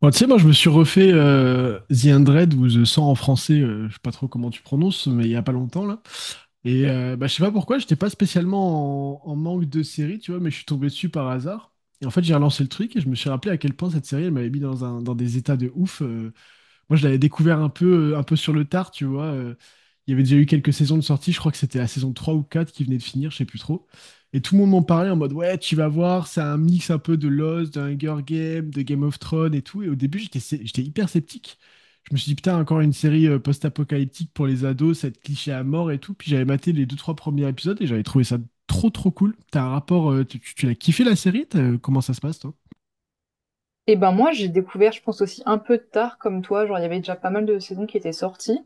Bon, tu sais, moi, je me suis refait The 100 ou The 100 en français, je sais pas trop comment tu prononces, mais il y a pas longtemps, là. Et je sais pas pourquoi, j'étais pas spécialement en manque de série, tu vois, mais je suis tombé dessus par hasard. Et en fait, j'ai relancé le truc et je me suis rappelé à quel point cette série, elle m'avait mis dans dans des états de ouf. Moi, je l'avais découvert un peu sur le tard, tu vois. Il y avait déjà eu quelques saisons de sortie, je crois que c'était la saison 3 ou 4 qui venait de finir, je sais plus trop. Et tout le monde m'en parlait en mode, ouais, tu vas voir, c'est un mix un peu de Lost, de Hunger Games, de Game of Thrones et tout. Et au début, j'étais hyper sceptique. Je me suis dit, putain, encore une série post-apocalyptique pour les ados, ça va être cliché à mort et tout. Puis j'avais maté les deux, trois premiers épisodes et j'avais trouvé ça trop, trop cool. T'as un rapport, tu l'as kiffé la série? Comment ça se passe, toi? Et ben moi, j'ai découvert, je pense aussi un peu tard comme toi, genre il y avait déjà pas mal de saisons qui étaient sorties.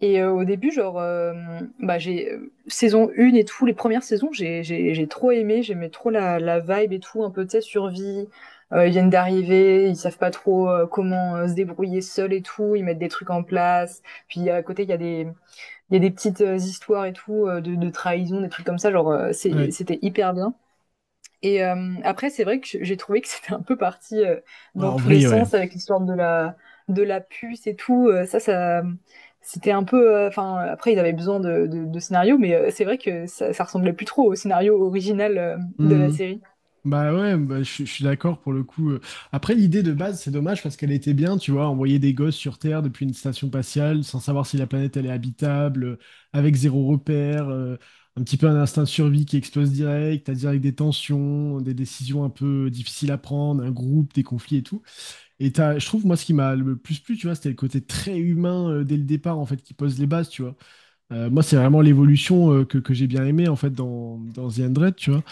Et au début, genre, bah, j'ai Saison 1 et tout, les premières saisons, j'ai trop aimé, j'aimais trop la vibe et tout, un peu, tu sais, survie. Ils viennent d'arriver, ils savent pas trop comment se débrouiller seuls et tout, ils mettent des trucs en place. Puis à côté, il y a des, Il y a des petites histoires et tout, de trahison, des trucs comme ça, genre, Ouais. c'était hyper bien. Après, c'est vrai que j'ai trouvé que c'était un peu parti, Ouais, dans en tous les vrai, ouais. sens avec l'histoire de la puce et tout, c'était un peu, enfin, après ils avaient besoin de scénarios, mais c'est vrai que ça ressemblait plus trop au scénario original, de la Hmm. série. Bah ouais, bah je suis d'accord pour le coup. Après, l'idée de base, c'est dommage parce qu'elle était bien, tu vois, envoyer des gosses sur Terre depuis une station spatiale sans savoir si la planète elle est habitable, avec zéro repère, un petit peu un instinct de survie qui explose direct, à direct des tensions, des décisions un peu difficiles à prendre, un groupe, des conflits et tout. Et t'as, je trouve, moi, ce qui m'a le plus plu, tu vois, c'était le côté très humain dès le départ, en fait, qui pose les bases, tu vois. Moi, c'est vraiment l'évolution que j'ai bien aimé, en fait, dans The Hundred, tu vois.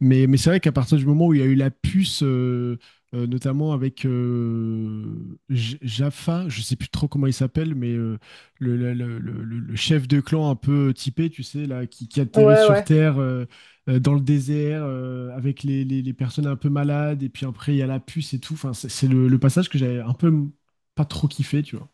Mais c'est vrai qu'à partir du moment où il y a eu la puce, notamment avec Jaffa, je sais plus trop comment il s'appelle, mais euh, chef de clan un peu typé, tu sais, là, qui atterrit Ouais, sur ouais. Terre dans le désert avec les personnes un peu malades, et puis après il y a la puce et tout. Enfin, c'est le passage que j'avais un peu pas trop kiffé, tu vois.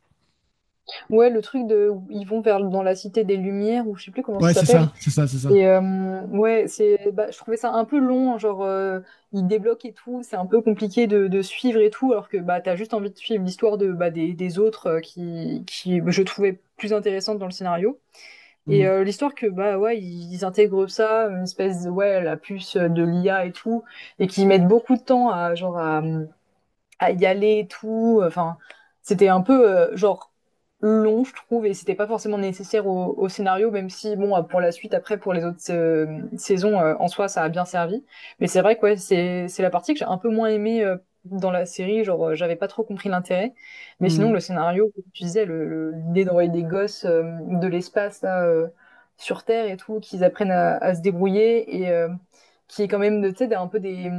Ouais, le truc de ils vont vers dans la cité des Lumières ou je sais plus comment ça Ouais, c'est s'appelle. ça, c'est ça, c'est ça. Et euh, ouais, c'est, bah, je trouvais ça un peu long, hein, il débloque et tout, c'est un peu compliqué de suivre et tout, alors que bah t'as juste envie de suivre l'histoire de bah, des autres qui bah, je trouvais plus intéressante dans le scénario. Mm. L'histoire que bah ouais, ils intègrent ça, une espèce de ouais la puce de l'IA et tout, et qui mettent beaucoup de temps à à y aller et tout. Enfin, c'était un peu genre long, je trouve, et c'était pas forcément nécessaire au scénario, même si bon, pour la suite, après, pour les autres saisons, en soi, ça a bien servi. Mais c'est vrai que ouais, c'est la partie que j'ai un peu moins aimée dans la série. Genre, j'avais pas trop compris l'intérêt. Mais sinon, Mm. le scénario, comme tu disais, l'idée d'envoyer des gosses de l'espace là, sur Terre et tout, qu'ils apprennent à se débrouiller et qui est quand même, tu sais, un peu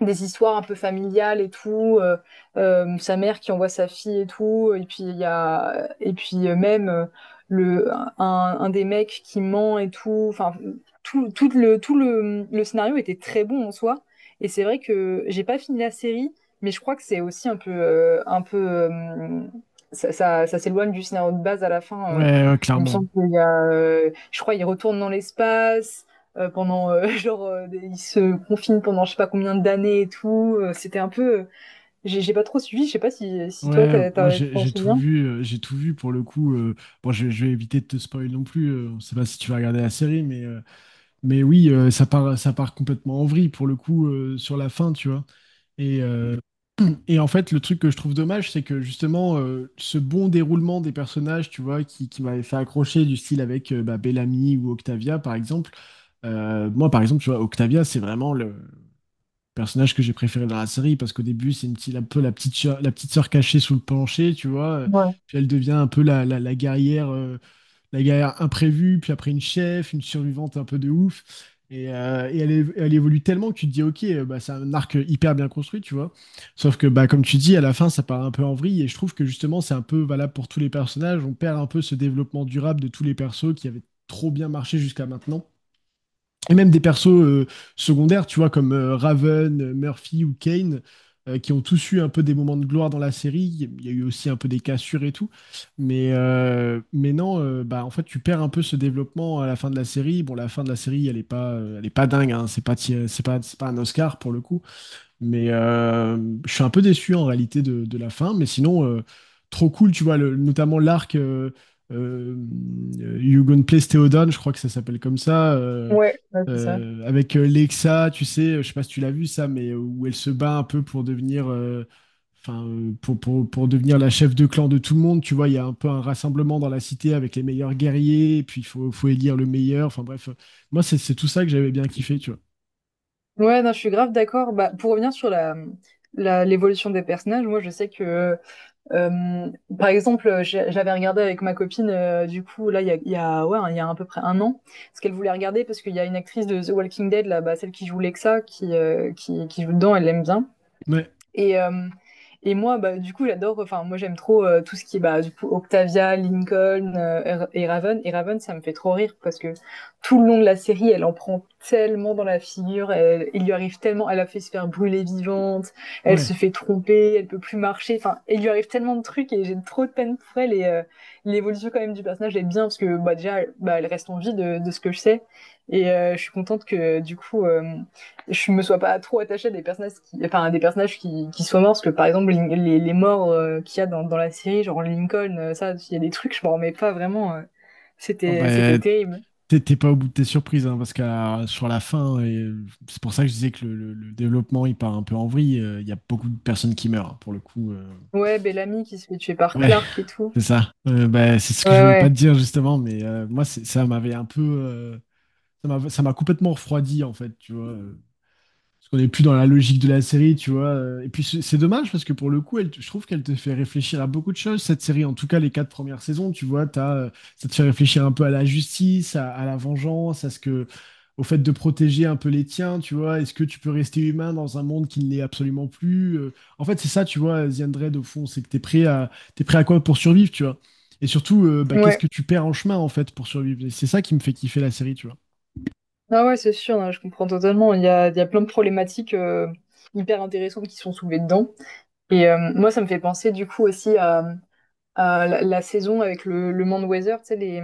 des histoires un peu familiales et tout, sa mère qui envoie sa fille et tout, et puis il y a et puis même le un des mecs qui ment et tout, enfin tout, le scénario était très bon en soi et c'est vrai que j'ai pas fini la série mais je crois que c'est aussi un peu ça, ça, ça s'éloigne du scénario de base à la fin Ouais, ouais, il me clairement. semble qu'il y a je crois il retourne dans l'espace pendant ils se confinent pendant je sais pas combien d'années et tout. C'était un peu, j'ai pas trop suivi. Je sais pas si si toi Ouais, moi tu j'ai t'en j'ai tout souviens. vu, j'ai tout vu pour le coup. Bon, je vais éviter de te spoiler non plus. On sait pas si tu vas regarder la série, mais oui, ça part complètement en vrille pour le coup sur la fin, tu vois. Et euh, et en fait, le truc que je trouve dommage, c'est que justement ce bon déroulement des personnages, tu vois, qui m'avait fait accrocher du style avec Bellamy ou Octavia par exemple. Moi par exemple, tu vois, Octavia, c'est vraiment le personnage que j'ai préféré dans la série parce qu'au début c'est une petite, un peu la petite sœur cachée sous le plancher tu vois, Ouais, puis elle devient un peu la guerrière, la guerrière imprévue puis après une chef une survivante un peu de ouf. Et, et elle évolue tellement que tu te dis ok, c'est un arc hyper bien construit tu vois, sauf que bah comme tu dis à la fin ça part un peu en vrille et je trouve que justement c'est un peu valable pour tous les personnages. On perd un peu ce développement durable de tous les persos qui avaient trop bien marché jusqu'à maintenant, et même des persos secondaires, tu vois, comme Raven, Murphy ou Kane, qui ont tous eu un peu des moments de gloire dans la série. Il y a eu aussi un peu des cassures et tout. Mais non, en fait, tu perds un peu ce développement à la fin de la série. Bon, la fin de la série, elle est pas dingue, hein. C'est pas, ti- c'est pas un Oscar pour le coup. Mais je suis un peu déçu en réalité de la fin. Mais sinon, trop cool, tu vois, le- notamment l'arc euh, You Gonna Place Theodon, je crois que ça s'appelle comme ça. Ouais, ouais, c'est ça. Avec Lexa, tu sais, je sais pas si tu l'as vu ça, mais où elle se bat un peu pour devenir, pour devenir la chef de clan de tout le monde. Tu vois, il y a un peu un rassemblement dans la cité avec les meilleurs guerriers, et puis faut élire le meilleur. Enfin bref, moi, c'est tout ça que j'avais bien kiffé, tu vois. Ouais, non, je suis grave d'accord. Bah, pour revenir sur l'évolution des personnages, moi, je sais que, euh, par exemple, j'avais regardé avec ma copine, du coup, là, il y a à peu près un an, ce qu'elle voulait regarder parce qu'il y a une actrice de The Walking Dead, là, bah, celle qui joue Lexa, qui joue dedans, elle l'aime bien. Ouais, Et, euh, et moi, bah, du coup, j'adore, enfin, moi, j'aime trop tout ce qui est, bah, du coup, Octavia, Lincoln et Raven. Et Raven, ça me fait trop rire parce que tout le long de la série, elle en prend tellement dans la figure, il lui arrive tellement, elle a fait se faire brûler vivante, elle ouais. se fait tromper, elle peut plus marcher, enfin, il lui arrive tellement de trucs et j'ai trop de peine pour elle. L'évolution, quand même, du personnage est bien parce que, bah, déjà, bah, elle reste en vie de ce que je sais. Je suis contente que, du coup, je me sois pas trop attachée à des personnages qui, enfin, à des personnages qui soient morts, parce que par exemple, les morts qu'il y a dans la série, genre Lincoln, il y a des trucs, je m'en remets pas vraiment. Ah C'était, c'était bah, terrible. t'es pas au bout de tes surprises, hein, parce que sur la fin, c'est pour ça que je disais que le développement il part un peu en vrille. Il y a beaucoup de personnes qui meurent, hein, pour le coup. Ouais, Bellamy qui se fait tuer par Ouais, Clark et tout. c'est ça. C'est ce que je Ouais, voulais pas te ouais, dire justement, mais moi ça m'avait un peu, ça m'a complètement refroidi en fait, tu vois. Parce qu'on n'est plus dans la logique de la série, tu vois. Et puis c'est dommage parce que pour le coup, je trouve qu'elle te fait réfléchir à beaucoup de choses, cette série, en tout cas les quatre premières saisons, tu vois, t'as, ça te fait réfléchir un peu à la justice, à la vengeance, au fait de protéger un peu les tiens, tu vois, est-ce que tu peux rester humain dans un monde qui ne l'est absolument plus? En fait, c'est ça, tu vois, The Undead, au fond, c'est que t'es prêt à quoi pour survivre, tu vois. Et surtout, qu'est-ce ouais. que tu perds en chemin, en fait, pour survivre? Et c'est ça qui me fait kiffer la série, tu vois. Ah ouais, c'est sûr, hein, je comprends totalement. Il y a plein de problématiques hyper intéressantes qui sont soulevées dedans. Moi, ça me fait penser du coup aussi à la saison avec le Mand Weather, tu sais,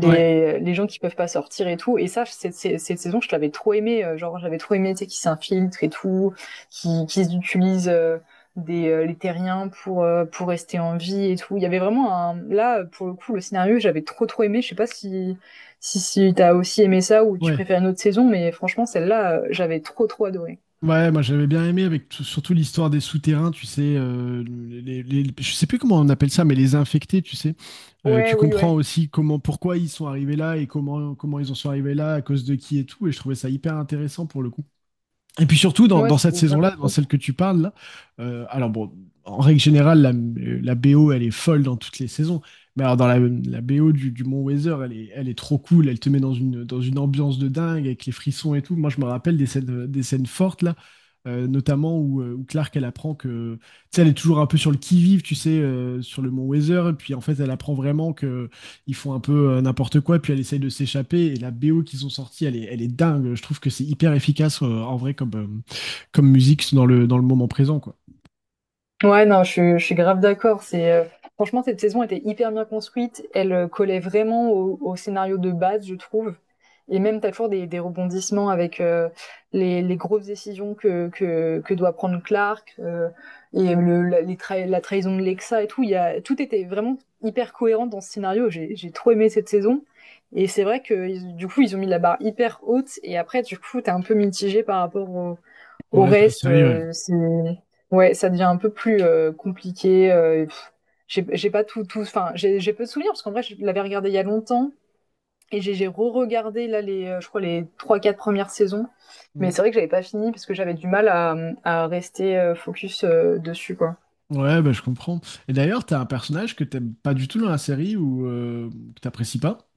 Ouais, les gens qui peuvent pas sortir et tout. Et ça, cette saison, je l'avais trop aimé. Genre, j'avais trop aimé, tu sais, qui s'infiltre et tout, qui utilisent les terriens pour rester en vie et tout. Il y avait vraiment un... Là, pour le coup, le scénario, j'avais trop, trop aimé. Je sais pas si t'as aussi aimé ça ou tu ouais. préfères une autre saison, mais franchement, celle-là, j'avais trop, trop adoré. Ouais, moi j'avais bien aimé avec surtout l'histoire des souterrains, tu sais, je sais plus comment on appelle ça, mais les infectés, tu sais. Tu Ouais, oui, comprends ouais. aussi comment, pourquoi ils sont arrivés là et comment, comment ils en sont arrivés là, à cause de qui et tout. Et je trouvais ça hyper intéressant pour le coup. Et puis surtout, Moi, dans cette c'était bien saison-là, dans compris. celle que tu parles, là, alors bon, en règle générale, la BO, elle est folle dans toutes les saisons. Mais alors, la BO du Mont Weather, elle est trop cool. Elle te met dans dans une ambiance de dingue avec les frissons et tout. Moi, je me rappelle des scènes fortes, là, notamment où, où Clark, elle apprend que. Tu sais, elle est toujours un peu sur le qui-vive, tu sais, sur le Mont Weather. Et puis, en fait, elle apprend vraiment que ils font un peu n'importe quoi, puis elle essaye de s'échapper. Et la BO qu'ils ont sortie, elle est dingue. Je trouve que c'est hyper efficace en vrai comme, comme musique dans le moment présent, quoi. Ouais, non, je suis grave d'accord. C'est franchement cette saison était hyper bien construite. Elle collait vraiment au scénario de base, je trouve. Et même t'as toujours des rebondissements avec les grosses décisions que doit prendre Clark les la trahison de Lexa et tout. Tout était vraiment hyper cohérent dans ce scénario. J'ai trop aimé cette saison. Et c'est vrai que du coup ils ont mis la barre hyper haute. Et après du coup t'es un peu mitigé par rapport au Dans au le reste de la reste, série, ouais. C'est ouais, ça devient un peu plus, compliqué, j'ai pas tout enfin, j'ai peu de souvenirs parce qu'en vrai, je l'avais regardé il y a longtemps et j'ai re-regardé là les, je crois les trois, quatre premières saisons, mais Mm. c'est vrai que j'avais pas fini parce que j'avais du mal à, à rester, focus, dessus, quoi. Ouais, bah, je comprends. Et d'ailleurs, t'as un personnage que t'aimes pas du tout dans la série ou que t'apprécies pas.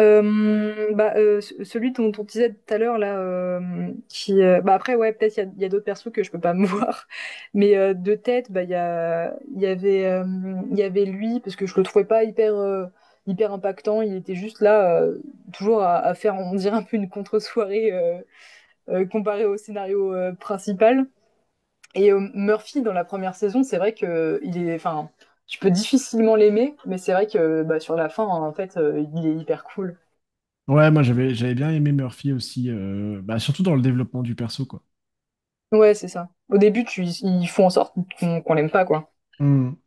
Celui dont on disait tout à l'heure là, qui bah après ouais peut-être il y a d'autres persos que je peux pas me voir, mais de tête bah il y avait lui parce que je le trouvais pas hyper impactant, il était juste là toujours à faire on dirait un peu une contre-soirée comparé au scénario principal. Murphy dans la première saison c'est vrai que il est enfin tu peux difficilement l'aimer, mais c'est vrai que bah, sur la fin en fait il est hyper cool. Ouais, moi j'avais bien aimé Murphy aussi, surtout dans le développement du perso, quoi. Ouais, c'est ça. Au début, ils font en sorte qu'on l'aime pas, quoi. Mm.